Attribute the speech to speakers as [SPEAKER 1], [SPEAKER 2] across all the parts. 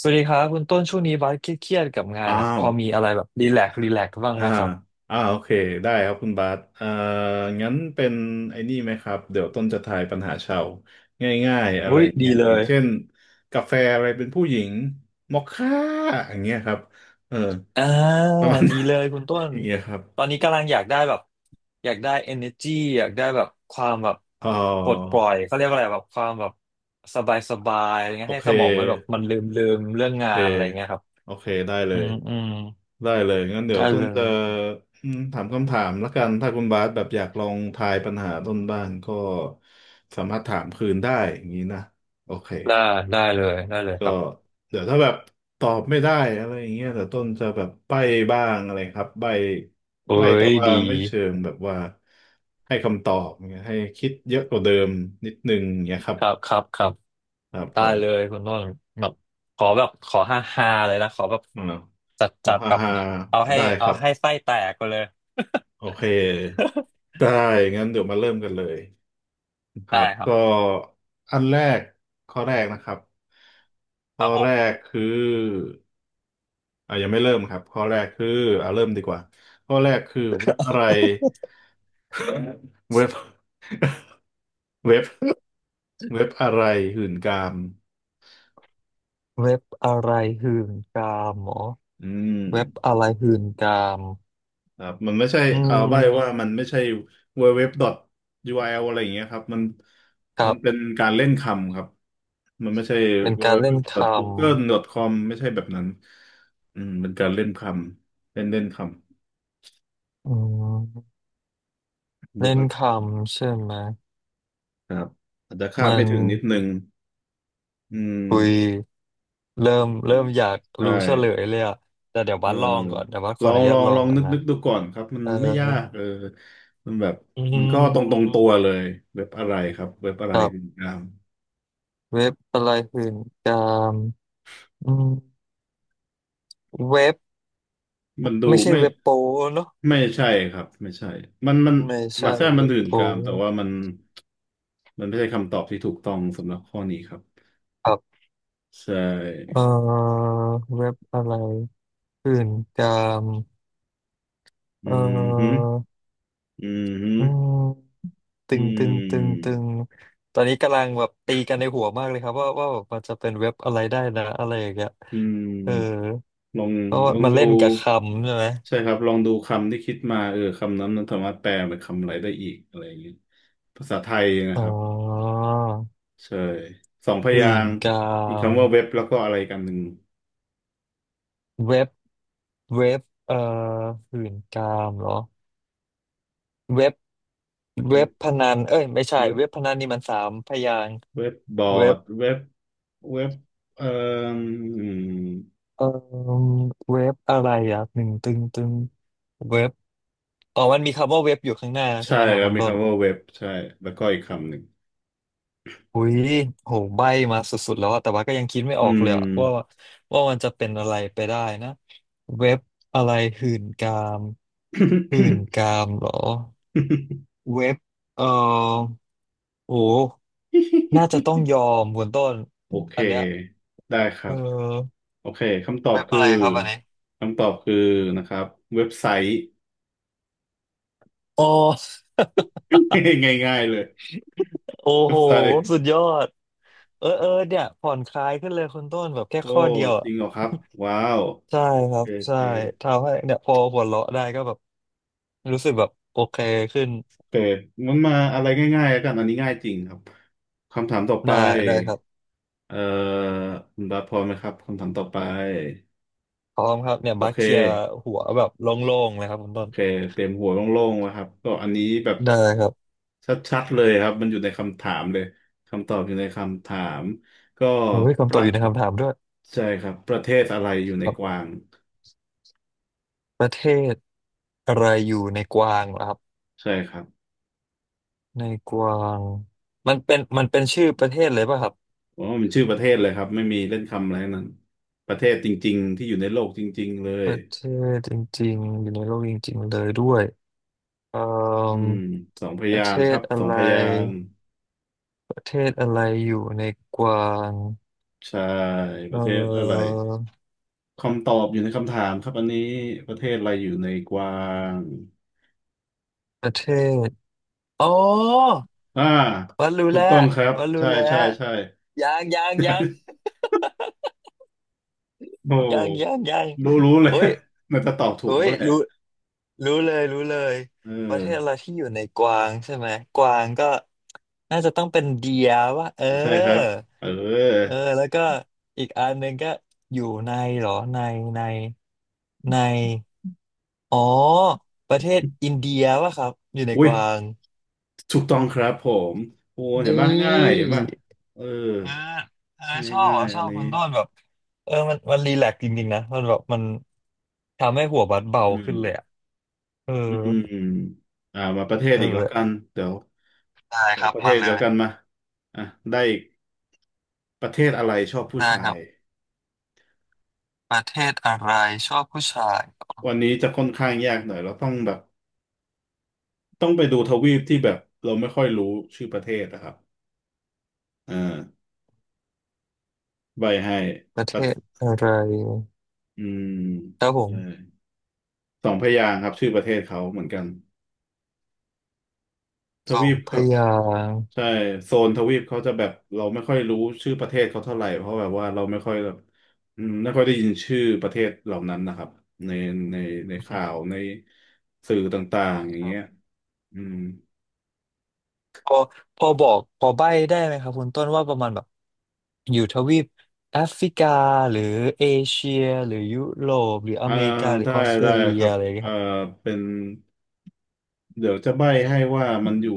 [SPEAKER 1] สวัสดีครับคุณต้นช่วงนี้บาสเครียดๆกับงาน
[SPEAKER 2] อ้า
[SPEAKER 1] อ่ะพ
[SPEAKER 2] ว
[SPEAKER 1] อมีอะไรแบบรีแลกซ์บ้าง
[SPEAKER 2] อ่า
[SPEAKER 1] ไหมครับ
[SPEAKER 2] โอเค ได้ครับคุณบาสงั้นเป็นไอ้นี่ไหมครับ เดี๋ยวต้นจะทายปัญหาชาวง่ายๆอะไร
[SPEAKER 1] อุ้ย
[SPEAKER 2] อย่างเงี้
[SPEAKER 1] ดี
[SPEAKER 2] ย
[SPEAKER 1] เล
[SPEAKER 2] อย่าง
[SPEAKER 1] ย
[SPEAKER 2] เช่นกาแฟอะไรเป็นผู้หญิงมอคค่าอย่างเงี้ยครับ เออ
[SPEAKER 1] อ่า
[SPEAKER 2] ประมาณ
[SPEAKER 1] ดี
[SPEAKER 2] นั้น
[SPEAKER 1] เลยคุณต้ น
[SPEAKER 2] อย่างเงี้ยครับ
[SPEAKER 1] ตอนนี้กำลังอยากได้แบบอยากได้ energy อยากได้แบบความแบบ
[SPEAKER 2] อ๋อ
[SPEAKER 1] ปลดปล่อยเขาเรียกว่าอะไรแบบความแบบสบายอะไร
[SPEAKER 2] โอ
[SPEAKER 1] เงี้ยให้
[SPEAKER 2] เค
[SPEAKER 1] สมองมันแบบมันลืมเรื่อง
[SPEAKER 2] โอ
[SPEAKER 1] งา
[SPEAKER 2] เค
[SPEAKER 1] นอะไรเงี้ยครับ
[SPEAKER 2] โอเคได้เล
[SPEAKER 1] อื
[SPEAKER 2] ย
[SPEAKER 1] มอืม
[SPEAKER 2] ได้เลยงั้นเดี๋ยว
[SPEAKER 1] ได้
[SPEAKER 2] ต้น
[SPEAKER 1] เล
[SPEAKER 2] จะ
[SPEAKER 1] ย
[SPEAKER 2] ถามคำถามละกันถ้าคุณบาสแบบอยากลองทายปัญหาต้นบ้างก็สามารถถามคืนได้อย่างนี้นะโอเค
[SPEAKER 1] ได้ได้เลยได้เลยค
[SPEAKER 2] ก็
[SPEAKER 1] รับ
[SPEAKER 2] เดี๋ยวถ้าแบบตอบไม่ได้อะไรอย่างเงี้ยแต่ต้นจะแบบใบ้บ้างอะไรครับใบ้
[SPEAKER 1] เอ้
[SPEAKER 2] ใบ้แต่
[SPEAKER 1] ย
[SPEAKER 2] ว่า
[SPEAKER 1] ดี
[SPEAKER 2] ไม่เชิงแบบว่าให้คำตอบเงี้ยให้คิดเยอะกว่าเดิมนิดนึงงเงี้ยครับ
[SPEAKER 1] ครับครับครับ
[SPEAKER 2] ครับผ
[SPEAKER 1] ได้
[SPEAKER 2] ม
[SPEAKER 1] เลยคุณต้นแบบขอแบบขอฮาฮาเลยนะขอแบบ
[SPEAKER 2] อ่า
[SPEAKER 1] จัด
[SPEAKER 2] โอ้
[SPEAKER 1] จัด
[SPEAKER 2] ฮ่า
[SPEAKER 1] แบบ
[SPEAKER 2] ฮ่า
[SPEAKER 1] เอาให้
[SPEAKER 2] ได้ค
[SPEAKER 1] เอา
[SPEAKER 2] รับ
[SPEAKER 1] ให้ไส้แตกไปเลย
[SPEAKER 2] โอเคได้งั้นเดี๋ยวมาเริ่มกันเลย ค
[SPEAKER 1] ได้
[SPEAKER 2] รับ
[SPEAKER 1] ครั
[SPEAKER 2] ก็
[SPEAKER 1] บ
[SPEAKER 2] อันแรกข้อแรกนะครับ
[SPEAKER 1] ค
[SPEAKER 2] ข้
[SPEAKER 1] รั
[SPEAKER 2] อ
[SPEAKER 1] บผ
[SPEAKER 2] แร
[SPEAKER 1] ม
[SPEAKER 2] กคืออ่ะยังไม่เริ่มครับข้อแรกคืออ่ะเริ่มดีกว่าข้อแรกคือเว็บอะไรเว็บเว็บเว็บอะไรหื่นกาม
[SPEAKER 1] เว็บอะไรหื่นกามหมอ
[SPEAKER 2] อืม
[SPEAKER 1] เว็บอะไรหื่นกาม
[SPEAKER 2] ครับมันไม่ใช่
[SPEAKER 1] อื
[SPEAKER 2] เอาใบว่ามัน
[SPEAKER 1] ม
[SPEAKER 2] ไม่ใช่ w w w ย r l อทยูอาร์แอลอะไรอย่างเงี้ยครับมัน
[SPEAKER 1] ค
[SPEAKER 2] มั
[SPEAKER 1] รั
[SPEAKER 2] นเป็น
[SPEAKER 1] บ
[SPEAKER 2] การเล่นคำครับมันไม่ใช่
[SPEAKER 1] เป็น
[SPEAKER 2] ดับเบิ
[SPEAKER 1] กา
[SPEAKER 2] ล
[SPEAKER 1] รเล่
[SPEAKER 2] ยู
[SPEAKER 1] นค
[SPEAKER 2] ดับเบิลยูดับเบิลยูดอทกูเ g o o g l e c o m ไม่ใช่แบบนั้นอืมเป็นการเล่นคำเล่นเล่นค
[SPEAKER 1] ำอืม
[SPEAKER 2] ำเว็บ
[SPEAKER 1] เล่น
[SPEAKER 2] อะไร
[SPEAKER 1] คำใช่ไหม
[SPEAKER 2] ครับอาจจะคาด
[SPEAKER 1] มั
[SPEAKER 2] ไม่
[SPEAKER 1] น
[SPEAKER 2] ถึงนิดนึงอืม
[SPEAKER 1] คุย เริ่มอยาก
[SPEAKER 2] ใช่
[SPEAKER 1] รู้เฉลยเลยอะแต่เดี๋ยว
[SPEAKER 2] เอ
[SPEAKER 1] บั
[SPEAKER 2] อ
[SPEAKER 1] สลองก่อนเดี๋ยวบัสข
[SPEAKER 2] ล
[SPEAKER 1] อ
[SPEAKER 2] อ
[SPEAKER 1] อ
[SPEAKER 2] ง
[SPEAKER 1] นุ
[SPEAKER 2] ล
[SPEAKER 1] ญา
[SPEAKER 2] อ
[SPEAKER 1] ต
[SPEAKER 2] ง
[SPEAKER 1] ลอ
[SPEAKER 2] ล
[SPEAKER 1] ง
[SPEAKER 2] อง
[SPEAKER 1] ก่อน
[SPEAKER 2] นึก
[SPEAKER 1] นะ
[SPEAKER 2] นึกดูก่อนครับมัน
[SPEAKER 1] เออ
[SPEAKER 2] ไม่ยากเออมันแบบ
[SPEAKER 1] อื
[SPEAKER 2] มันก็ตรงตรง
[SPEAKER 1] ม
[SPEAKER 2] ตัวเลยเว็บอะไรครับเว็บอะไร
[SPEAKER 1] ครั
[SPEAKER 2] คุณ
[SPEAKER 1] บ
[SPEAKER 2] กราม
[SPEAKER 1] เว็บอะไรหื่นกามอืมเว็บ
[SPEAKER 2] มันดู
[SPEAKER 1] ไม่ใช่
[SPEAKER 2] ไม่
[SPEAKER 1] เว็บโปเนอะ
[SPEAKER 2] ไม่ใช่ครับไม่ใช่มัน
[SPEAKER 1] ไม่ใช่
[SPEAKER 2] มาแท้มั
[SPEAKER 1] เว็
[SPEAKER 2] น
[SPEAKER 1] บ
[SPEAKER 2] ดื่น
[SPEAKER 1] โป
[SPEAKER 2] กามแต่ว่ามันมันไม่ใช่คำตอบที่ถูกต้องสำหรับข้อนี้ครับ
[SPEAKER 1] ครับ
[SPEAKER 2] ใช
[SPEAKER 1] เอ
[SPEAKER 2] ่
[SPEAKER 1] อเว็บอะไรหื่นกาม
[SPEAKER 2] อื
[SPEAKER 1] เ
[SPEAKER 2] มฮึ
[SPEAKER 1] ออ
[SPEAKER 2] อืมฮึ
[SPEAKER 1] อืมตึ
[SPEAKER 2] อื
[SPEAKER 1] งตึงตึงตึ
[SPEAKER 2] ม
[SPEAKER 1] งตอนนี้กำลังแบบตีกันในหัวมากเลยครับว่าแบบมันจะเป็นเว็บอะไรได้นะอะไรอย่างเงี้ย
[SPEAKER 2] อื
[SPEAKER 1] เออ
[SPEAKER 2] มลอง
[SPEAKER 1] ก็
[SPEAKER 2] ลอง
[SPEAKER 1] มันเล่
[SPEAKER 2] ดู
[SPEAKER 1] นกับคำใช่ไหม
[SPEAKER 2] ใช่ครับลองดูคำที่คิดมาเออคำนั้นมันสามารถแปลเป็นคำอะไรได้อีกอะไรอย่างนี้ภาษาไทยนะ
[SPEAKER 1] อ๋
[SPEAKER 2] ค
[SPEAKER 1] อ
[SPEAKER 2] รับใช่สองพ
[SPEAKER 1] หื่
[SPEAKER 2] ยา
[SPEAKER 1] น
[SPEAKER 2] งค์
[SPEAKER 1] กา
[SPEAKER 2] มี
[SPEAKER 1] ม
[SPEAKER 2] คำว่าเว็บแล้วก็อะไรกันหนึ่ง
[SPEAKER 1] เว็บเว็บเอ่อหื่นกามเหรอเว็บเว็
[SPEAKER 2] เ
[SPEAKER 1] บพนันเอ้ยไม่ใช่
[SPEAKER 2] ว็บ
[SPEAKER 1] เว็บพนันนี่มันสามพยางค์
[SPEAKER 2] เว็บบอ
[SPEAKER 1] เว็
[SPEAKER 2] ร์
[SPEAKER 1] บ
[SPEAKER 2] ดเว็บเว็บเอ่ออืม
[SPEAKER 1] เอ่อเว็บอะไรอ่ะหนึ่งตึงตึงเว็บอ๋อมันมีคำว่าเว็บอยู่ข้างหน้าใช่
[SPEAKER 2] ใช่
[SPEAKER 1] ไหมครับ
[SPEAKER 2] ครั
[SPEAKER 1] คุ
[SPEAKER 2] บ
[SPEAKER 1] ณ
[SPEAKER 2] มี
[SPEAKER 1] ต้น
[SPEAKER 2] คำว่าเว็บใช่แล้วก็อีกคำหนึ่ง
[SPEAKER 1] อุ้ยโหใบ้มาสุดๆแล้วอะแต่ว่าก็ยังคิดไม่อ
[SPEAKER 2] อื
[SPEAKER 1] อกเลย
[SPEAKER 2] ม
[SPEAKER 1] อะว่ามันจะเป็นอะไรไปได้นะเว็บอะไรหื่นกามหื่น กามเหรอเว็บเออโอ้น่าจะต้องยอมคุณต้น
[SPEAKER 2] โอเค
[SPEAKER 1] อันเนี้ย
[SPEAKER 2] ได้ค
[SPEAKER 1] เ
[SPEAKER 2] รับ
[SPEAKER 1] ออ
[SPEAKER 2] โอเคคำตอบ
[SPEAKER 1] เว็บ
[SPEAKER 2] คื
[SPEAKER 1] อะ
[SPEAKER 2] อ
[SPEAKER 1] ไรครับอันนี้
[SPEAKER 2] คำตอบคือนะครับเว็บไซต์
[SPEAKER 1] อ๋อ
[SPEAKER 2] ง่ายๆเลย
[SPEAKER 1] โอ้
[SPEAKER 2] เว็
[SPEAKER 1] โห
[SPEAKER 2] บไซต์
[SPEAKER 1] สุดยอดเออเออเนี่ยผ่อนคลายขึ้นเลยคุณต้นแบบแค่
[SPEAKER 2] โอ้
[SPEAKER 1] ข้อเดียว
[SPEAKER 2] จ
[SPEAKER 1] อะ
[SPEAKER 2] ริงเหรอครับว้าว
[SPEAKER 1] ใช่
[SPEAKER 2] โอ
[SPEAKER 1] ครั
[SPEAKER 2] เค
[SPEAKER 1] บ
[SPEAKER 2] โอ
[SPEAKER 1] ใช่
[SPEAKER 2] เค
[SPEAKER 1] ทำให้เนี่ยพอหัวเราะได้ก็แบบรู้สึกแบบโอเคขึ้น
[SPEAKER 2] โอเคมันมาอะไรง่ายๆแล้วกันอันนี้ง่ายจริงครับคำถามต่อไป
[SPEAKER 1] ได้ได้ครับ
[SPEAKER 2] เอ่อคุณบาสพร้อมไหมครับคำถามต่อไป
[SPEAKER 1] พร้อมครับเนี่ย
[SPEAKER 2] โอ
[SPEAKER 1] บัค
[SPEAKER 2] เค
[SPEAKER 1] เคลียร์หัวแบบโล่งๆเลยครับคุณ
[SPEAKER 2] โอ
[SPEAKER 1] ต้น
[SPEAKER 2] เคเต็มหัวโล่งๆไวครับก็อันนี้แบบ
[SPEAKER 1] ได้ครับ
[SPEAKER 2] ชัดๆเลยครับมันอยู่ในคำถามเลยคำตอบอยู่ในคำถามก็
[SPEAKER 1] โอ้ย
[SPEAKER 2] ป
[SPEAKER 1] คำตอ
[SPEAKER 2] ระ
[SPEAKER 1] บอยู่ในคำถามด้วย
[SPEAKER 2] ใช่ครับประเทศอะไรอยู่ใน
[SPEAKER 1] ครั
[SPEAKER 2] ก
[SPEAKER 1] บ
[SPEAKER 2] วาง
[SPEAKER 1] ประเทศอะไรอยู่ในกวางเหรอครับ
[SPEAKER 2] ใช่ครับ
[SPEAKER 1] ในกวางมันเป็นชื่อประเทศเลยป่ะครับ
[SPEAKER 2] อ๋อมันชื่อประเทศเลยครับไม่มีเล่นคำอะไรทั้งนั้นประเทศจริงๆที่อยู่ในโลกจริงๆเล
[SPEAKER 1] ป
[SPEAKER 2] ย
[SPEAKER 1] ระเทศจริงๆอยู่ในโลกจริงๆเลยด้วยเอ่อ
[SPEAKER 2] อืมสองพ
[SPEAKER 1] ประ
[SPEAKER 2] ยา
[SPEAKER 1] เท
[SPEAKER 2] งค์ค
[SPEAKER 1] ศ
[SPEAKER 2] รับ
[SPEAKER 1] อะ
[SPEAKER 2] สอง
[SPEAKER 1] ไร
[SPEAKER 2] พยางค์
[SPEAKER 1] ประเทศอะไรอยู่ในกวาง
[SPEAKER 2] ใช่ป
[SPEAKER 1] เอ่
[SPEAKER 2] ระเทศอะไร
[SPEAKER 1] อ
[SPEAKER 2] คำตอบอยู่ในคำถามครับอันนี้ประเทศอะไรอยู่ในกวาง
[SPEAKER 1] ประเทศอ๋อ
[SPEAKER 2] อ่า
[SPEAKER 1] วันรู้
[SPEAKER 2] ถู
[SPEAKER 1] แล้
[SPEAKER 2] ก
[SPEAKER 1] ว
[SPEAKER 2] ต้องครับ
[SPEAKER 1] วันรู้
[SPEAKER 2] ใช่
[SPEAKER 1] แล้
[SPEAKER 2] ใช่
[SPEAKER 1] ว
[SPEAKER 2] ใช่
[SPEAKER 1] ยังยังยัง
[SPEAKER 2] โอ้
[SPEAKER 1] ยังยังยัง
[SPEAKER 2] รู้รู้เลย
[SPEAKER 1] โอ้ย
[SPEAKER 2] มันจะตอบถู
[SPEAKER 1] โอ้
[SPEAKER 2] กแล้
[SPEAKER 1] ย
[SPEAKER 2] วแหละ
[SPEAKER 1] รู้รู้เลยรู้เลย
[SPEAKER 2] เอ
[SPEAKER 1] ประเท
[SPEAKER 2] อ
[SPEAKER 1] ศอะไรที่อยู่ในกวางใช่ไหมกวางก็น่าจะต้องเป็นเดียว่าเออ
[SPEAKER 2] ใช่ครับเออ
[SPEAKER 1] เออแล้วก็อีกอันหนึ่งก็อยู่ในเหรอในในในอ๋อประเทศอินเดียว่าครับอยู่ใน
[SPEAKER 2] อุ้
[SPEAKER 1] ก
[SPEAKER 2] ย
[SPEAKER 1] วาง
[SPEAKER 2] ถูกต้องครับผมโอ้เห็น
[SPEAKER 1] นี
[SPEAKER 2] ป่ะง่ายเห็
[SPEAKER 1] ่
[SPEAKER 2] นป่ะเออ
[SPEAKER 1] เออเออ
[SPEAKER 2] ง่า
[SPEAKER 1] ช
[SPEAKER 2] ย
[SPEAKER 1] อบ
[SPEAKER 2] ง่า
[SPEAKER 1] อ่ะ
[SPEAKER 2] ย
[SPEAKER 1] ช
[SPEAKER 2] อั
[SPEAKER 1] อ
[SPEAKER 2] น
[SPEAKER 1] บคุ
[SPEAKER 2] นี้
[SPEAKER 1] ณต้นแบบเออมันรีแลกซ์จริงๆนะมันแบบมันทำให้หัวบัดเบา
[SPEAKER 2] อื
[SPEAKER 1] ขึ้นเลยอ่ะ
[SPEAKER 2] ม
[SPEAKER 1] เออ
[SPEAKER 2] อืมอ่ามาประเทศอี
[SPEAKER 1] นั่
[SPEAKER 2] ก
[SPEAKER 1] นแห
[SPEAKER 2] แล้ว
[SPEAKER 1] ละ
[SPEAKER 2] กันเดี๋ยว
[SPEAKER 1] ได้
[SPEAKER 2] เอ
[SPEAKER 1] ค
[SPEAKER 2] ก
[SPEAKER 1] รับ
[SPEAKER 2] ประเท
[SPEAKER 1] มา
[SPEAKER 2] ศ
[SPEAKER 1] เล
[SPEAKER 2] เดียวกัน
[SPEAKER 1] ย
[SPEAKER 2] มาอ่ะได้อีกประเทศอะไรชอบผู้
[SPEAKER 1] ได้
[SPEAKER 2] ชา
[SPEAKER 1] ครั
[SPEAKER 2] ย
[SPEAKER 1] บประเทศอะไรชอบผู้ชาย
[SPEAKER 2] วันนี้จะค่อนข้างยากหน่อยเราต้องแบบต้องไปดูทวีปที่แบบเราไม่ค่อยรู้ชื่อประเทศนะครับอ่าใบให้
[SPEAKER 1] ประ
[SPEAKER 2] ป
[SPEAKER 1] เท
[SPEAKER 2] ระ
[SPEAKER 1] ศอะไร
[SPEAKER 2] อืม
[SPEAKER 1] ครับผ
[SPEAKER 2] ใช่
[SPEAKER 1] ม
[SPEAKER 2] สองพยางค์ครับชื่อประเทศเขาเหมือนกันท
[SPEAKER 1] สอ
[SPEAKER 2] วี
[SPEAKER 1] ง
[SPEAKER 2] ป
[SPEAKER 1] พ
[SPEAKER 2] ครับ
[SPEAKER 1] ยางค์
[SPEAKER 2] ใช่โซนทวีปเขาจะแบบเราไม่ค่อยรู้ชื่อประเทศเขาเท่าไหร่เพราะแบบว่าเราไม่ค่อยแบบอืมไม่ค่อยได้ยินชื่อประเทศเหล่านั้นนะครับในในใน
[SPEAKER 1] อื
[SPEAKER 2] ข่าว
[SPEAKER 1] ม
[SPEAKER 2] ในสื่อต่างๆอย่า
[SPEAKER 1] ค
[SPEAKER 2] ง
[SPEAKER 1] รั
[SPEAKER 2] เงี้ย
[SPEAKER 1] บ
[SPEAKER 2] อืม
[SPEAKER 1] พอพอบอกพอใบ้ได้ไหมครับคุณต้นว่าประมาณแบบอยู่ทวีปแอฟริกาหรือเอเชียหรือยุโรปหรืออ
[SPEAKER 2] อ่า
[SPEAKER 1] เมริกาหรือ
[SPEAKER 2] ได้
[SPEAKER 1] ออสเตร
[SPEAKER 2] ได้
[SPEAKER 1] เลี
[SPEAKER 2] ค
[SPEAKER 1] ย
[SPEAKER 2] รับ
[SPEAKER 1] อะไรอย่างเงี้ย
[SPEAKER 2] เอ่อ
[SPEAKER 1] ครับ
[SPEAKER 2] เป็น เดี๋ยวจะใบ้ให้ว่ามันอยู่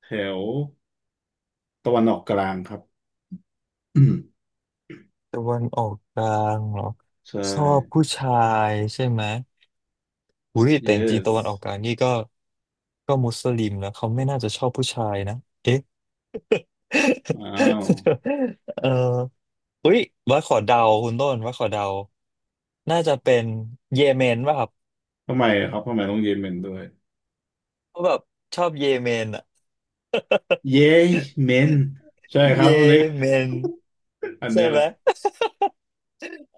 [SPEAKER 2] แถวตะวันออกกลางครับ อืม
[SPEAKER 1] ตะวันออกกลางเหรอ
[SPEAKER 2] ใช่
[SPEAKER 1] ชอบผู้ชายใช่ไหมอุ้ยแต่จริงๆตะ
[SPEAKER 2] yes
[SPEAKER 1] วันออกกลางนี่ก็ก็มุสลิมนะเขาไม่น่าจะชอบผู้ชายนะเอ๊ะ
[SPEAKER 2] อ้าว
[SPEAKER 1] เอออุ้ยว่าขอเดาคุณต้นว่าขอเดาน่าจะเป็นเยเมนป่ะครับ
[SPEAKER 2] ทำไมอะครับทำไมต้องเยเมนด้วย
[SPEAKER 1] เพราะแบบชอบเยเมนอะ
[SPEAKER 2] เยเมนใช่ค
[SPEAKER 1] เย
[SPEAKER 2] รับวันนี้
[SPEAKER 1] เมน
[SPEAKER 2] อัน
[SPEAKER 1] ใช่
[SPEAKER 2] เนี้ยแห
[SPEAKER 1] ไหม
[SPEAKER 2] ละ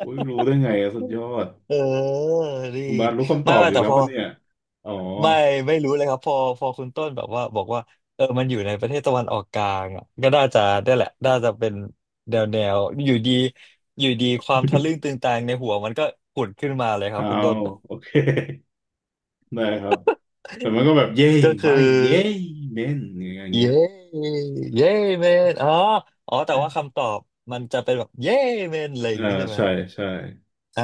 [SPEAKER 2] อุ้ยรู้ได้ไงอะสุดยอด
[SPEAKER 1] เออดี
[SPEAKER 2] คุณบาสรู้คำต
[SPEAKER 1] ไม่
[SPEAKER 2] อบ
[SPEAKER 1] ไม่
[SPEAKER 2] อยู่
[SPEAKER 1] แต่
[SPEAKER 2] แล้ว
[SPEAKER 1] พอ
[SPEAKER 2] ปะเนี่ยอ๋อ
[SPEAKER 1] ไม่ไม่รู้เลยครับพอพอคุณต้นแบบว่าบอกว่าเออมันอยู่ในประเทศตะวันออกกลางอ่ะก็น่าจะได้แหละน่าจะเป็นแนวอยู่ดีอยู่ดีความทะลึ่งตึงตังในหัวมันก็ผุดขึ้นมาเลยครับ
[SPEAKER 2] เอา
[SPEAKER 1] คุณต้น
[SPEAKER 2] โอเค ได้ครับแต่มันก็แบบเย้
[SPEAKER 1] ก็คือ
[SPEAKER 2] ไว้เย้เมนอย่างเงี้ย
[SPEAKER 1] เย้เย้เมนอ๋ออ๋อแต่ว่าคำตอบมันจะเป็นแบบเย้เมนอะไรอ
[SPEAKER 2] เออ
[SPEAKER 1] ย่างนี้ใช่ไหม
[SPEAKER 2] ใช่ใช่
[SPEAKER 1] อ่า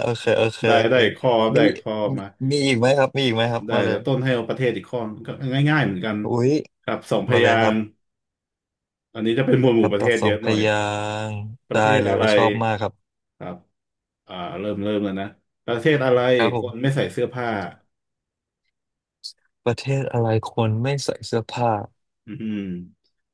[SPEAKER 1] โอเคโอเค
[SPEAKER 2] ได้
[SPEAKER 1] โอเค
[SPEAKER 2] ได้ข้อครับ
[SPEAKER 1] มี
[SPEAKER 2] ได้ข้อ
[SPEAKER 1] มี
[SPEAKER 2] มา
[SPEAKER 1] มีอีกไหมครับมีอีกไหมครับ
[SPEAKER 2] ได้
[SPEAKER 1] มาเล
[SPEAKER 2] เดี๋ย
[SPEAKER 1] ย
[SPEAKER 2] วต้นให้เอาประเทศอีกข้อก็ง่ายๆเหมือนกัน
[SPEAKER 1] อุ้ย
[SPEAKER 2] ครับสองพ
[SPEAKER 1] มาเล
[SPEAKER 2] ยา
[SPEAKER 1] ยครับ
[SPEAKER 2] งค์อันนี้จะเป็นหมวดหมู่ป
[SPEAKER 1] คำ
[SPEAKER 2] ระ
[SPEAKER 1] ต
[SPEAKER 2] เท
[SPEAKER 1] อบ
[SPEAKER 2] ศ
[SPEAKER 1] สอ
[SPEAKER 2] เย
[SPEAKER 1] ง
[SPEAKER 2] อะ
[SPEAKER 1] พ
[SPEAKER 2] หน่อย
[SPEAKER 1] ยางค์
[SPEAKER 2] ป
[SPEAKER 1] ได้
[SPEAKER 2] ระเทศ
[SPEAKER 1] เล
[SPEAKER 2] อะ
[SPEAKER 1] ย
[SPEAKER 2] ไร
[SPEAKER 1] ชอบมากครับ
[SPEAKER 2] ครับอ่าเริ่มเริ่มแล้วนะประเทศอะไร
[SPEAKER 1] ครับผ
[SPEAKER 2] คนไม่
[SPEAKER 1] ม
[SPEAKER 2] ใส่เสื้อผ้า
[SPEAKER 1] ประเทศอะไรคนไม่ใส่เสื้อผ้า
[SPEAKER 2] อืม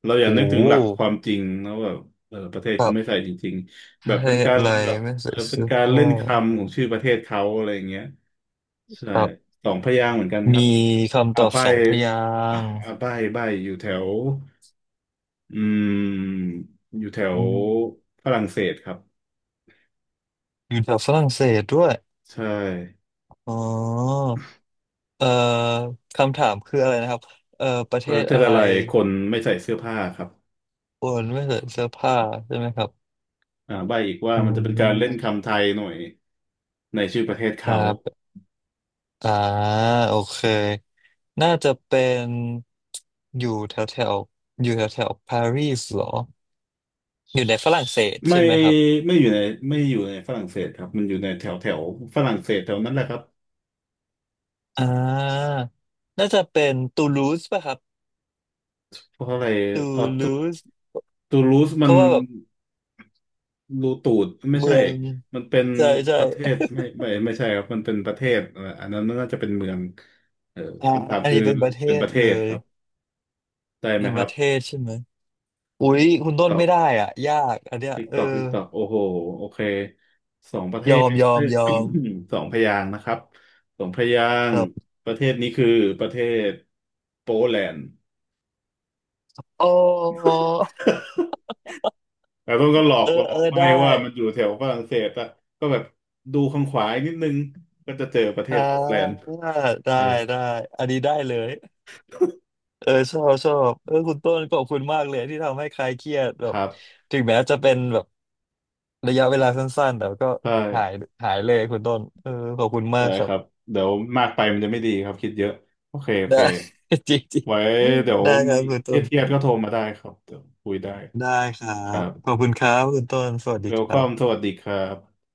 [SPEAKER 2] เราอย่า
[SPEAKER 1] โอ้
[SPEAKER 2] นึกถึ
[SPEAKER 1] โห
[SPEAKER 2] งหลักความจริงนะว่าแบบเออประเทศ
[SPEAKER 1] ครั
[SPEAKER 2] เขาไม่ใส่
[SPEAKER 1] บ
[SPEAKER 2] จริง
[SPEAKER 1] ป
[SPEAKER 2] ๆแบ
[SPEAKER 1] ระ
[SPEAKER 2] บ
[SPEAKER 1] เท
[SPEAKER 2] เป็น
[SPEAKER 1] ศ
[SPEAKER 2] การ
[SPEAKER 1] อะไร
[SPEAKER 2] แบบ
[SPEAKER 1] ไม่
[SPEAKER 2] เอ
[SPEAKER 1] ใส่
[SPEAKER 2] อเป็น
[SPEAKER 1] เสื้อ
[SPEAKER 2] การ
[SPEAKER 1] ผ้า
[SPEAKER 2] เล่นคำของชื่อประเทศเขาอะไรอย่างเงี้ยใช่
[SPEAKER 1] ครับ
[SPEAKER 2] สองพยางค์เหมือนกันค
[SPEAKER 1] มี
[SPEAKER 2] รับ
[SPEAKER 1] คำต
[SPEAKER 2] อา
[SPEAKER 1] อบ
[SPEAKER 2] ใบ
[SPEAKER 1] สองพยางค์
[SPEAKER 2] อ่าใบใบอยู่แถว อืมอยู่แถว
[SPEAKER 1] อืม
[SPEAKER 2] ฝรั่งเศสครับ
[SPEAKER 1] อยู่แถวฝรั่งเศสด้วย
[SPEAKER 2] ใช่
[SPEAKER 1] อ๋อเอ่อคำถามคืออะไรนะครับเอ่อประเท
[SPEAKER 2] ประ
[SPEAKER 1] ศ
[SPEAKER 2] เทศ
[SPEAKER 1] อะไร
[SPEAKER 2] อะไรคนไม่ใส่เสื้อผ้าครับ
[SPEAKER 1] คนไม่ใส่เสื้อผ้าใช่ไหมครับ
[SPEAKER 2] อ่าใบ้อีกว่า
[SPEAKER 1] อื
[SPEAKER 2] มันจะเป็นการเล่น
[SPEAKER 1] ม
[SPEAKER 2] คำไทยหน่อยในชื่อประเทศ
[SPEAKER 1] ค
[SPEAKER 2] เขา
[SPEAKER 1] รับอ่าโอเค น่าจะเป็นอยู่แถวแถวอยู่แถวแถวปารีสเหรออยู่ในฝรั่งเศส
[SPEAKER 2] ไม่
[SPEAKER 1] ใช่ไหมครับ
[SPEAKER 2] ไม่อยู่ในไม่อยู่ในฝรั่งเศสครับมันอยู่ในแถวแถวฝรั่งเศสแถวนั้นแหละครับ
[SPEAKER 1] อ่าน่าจะเป็นตูลูสป่ะครับ
[SPEAKER 2] เพราะอะไร
[SPEAKER 1] ตู
[SPEAKER 2] เอา
[SPEAKER 1] ลูส
[SPEAKER 2] ตูลูส
[SPEAKER 1] เพ
[SPEAKER 2] มัน
[SPEAKER 1] ราะว่าแบบ
[SPEAKER 2] รูตูดไม่
[SPEAKER 1] เมื
[SPEAKER 2] ใช่
[SPEAKER 1] อง
[SPEAKER 2] มันเป็น
[SPEAKER 1] ใช่ใช่
[SPEAKER 2] ประเทศไม่ไม่ไม่ใช่ครับ มันเป็นประเทศอันนั้นน่าจะเป็นเมืองเออ
[SPEAKER 1] อ่า
[SPEAKER 2] คำถาม
[SPEAKER 1] อัน
[SPEAKER 2] คือ
[SPEAKER 1] นี้เป็นประเท
[SPEAKER 2] เป็นป
[SPEAKER 1] ศ
[SPEAKER 2] ระเท
[SPEAKER 1] เล
[SPEAKER 2] ศค
[SPEAKER 1] ย
[SPEAKER 2] รับได้ไหม
[SPEAKER 1] เป็น
[SPEAKER 2] ค
[SPEAKER 1] ป
[SPEAKER 2] รับ
[SPEAKER 1] ระเทศใช่ไหมอุ๊ยคุณต้
[SPEAKER 2] ต
[SPEAKER 1] น
[SPEAKER 2] อ
[SPEAKER 1] ไม่
[SPEAKER 2] บ
[SPEAKER 1] ได้อ่ะยากอันเนี้ย
[SPEAKER 2] ติ๊ก
[SPEAKER 1] เอ
[SPEAKER 2] ต
[SPEAKER 1] อ
[SPEAKER 2] อกติ๊กตอกโอ้โหโอเคสองประเท
[SPEAKER 1] ย
[SPEAKER 2] ศ
[SPEAKER 1] อมยอ
[SPEAKER 2] เอ้
[SPEAKER 1] ม
[SPEAKER 2] ย
[SPEAKER 1] ยอม
[SPEAKER 2] สองพยางค์นะครับสองพยา
[SPEAKER 1] ค
[SPEAKER 2] งค์
[SPEAKER 1] รับ
[SPEAKER 2] ประเทศนี้คือประเทศโปแลนด์
[SPEAKER 1] อ๋อ
[SPEAKER 2] แต่ต้นก็หลอ
[SPEAKER 1] เอ
[SPEAKER 2] ก
[SPEAKER 1] อ
[SPEAKER 2] หลอ
[SPEAKER 1] เออ
[SPEAKER 2] กไม่
[SPEAKER 1] ได้
[SPEAKER 2] ว่ามันอยู่แถวฝรั่งเศสอะก็แบบดูข้างขวาอีกนิดนึงก็จะเจอประเท
[SPEAKER 1] อ่า
[SPEAKER 2] ศโปแลนด์
[SPEAKER 1] ได้ได้
[SPEAKER 2] ใช่
[SPEAKER 1] ได้อันนี้ได้เลย เออชอบชอบเออคุณต้นขอบคุณมากเลยที่ทำให้คลายเครียดแบ
[SPEAKER 2] ค
[SPEAKER 1] บ
[SPEAKER 2] รับ
[SPEAKER 1] ถึงแม้จะเป็นแบบระยะเวลาสั้นๆแต่ก็
[SPEAKER 2] ใช่
[SPEAKER 1] หายหายเลยคุณต้นเออขอบคุณมา
[SPEAKER 2] ได้
[SPEAKER 1] กครั
[SPEAKER 2] ครับ
[SPEAKER 1] บ
[SPEAKER 2] เดี๋ยวมากไปมันจะไม่ดีครับคิดเยอะโอเคโอเค
[SPEAKER 1] ได้ จริงจริง
[SPEAKER 2] ไว้เดี๋ยว
[SPEAKER 1] ได้ค
[SPEAKER 2] มี
[SPEAKER 1] รับคุณ
[SPEAKER 2] เค
[SPEAKER 1] ต้
[SPEAKER 2] รียด
[SPEAKER 1] น
[SPEAKER 2] ๆก็โทรมาได้ครับเดี๋ยวคุยได้
[SPEAKER 1] ได้ครั
[SPEAKER 2] ครั
[SPEAKER 1] บ
[SPEAKER 2] บ
[SPEAKER 1] ขอบคุณครับคุณต้นสวัสดี
[SPEAKER 2] เว
[SPEAKER 1] ค
[SPEAKER 2] ลค
[SPEAKER 1] รั
[SPEAKER 2] อมส
[SPEAKER 1] บ
[SPEAKER 2] วัสดีครับ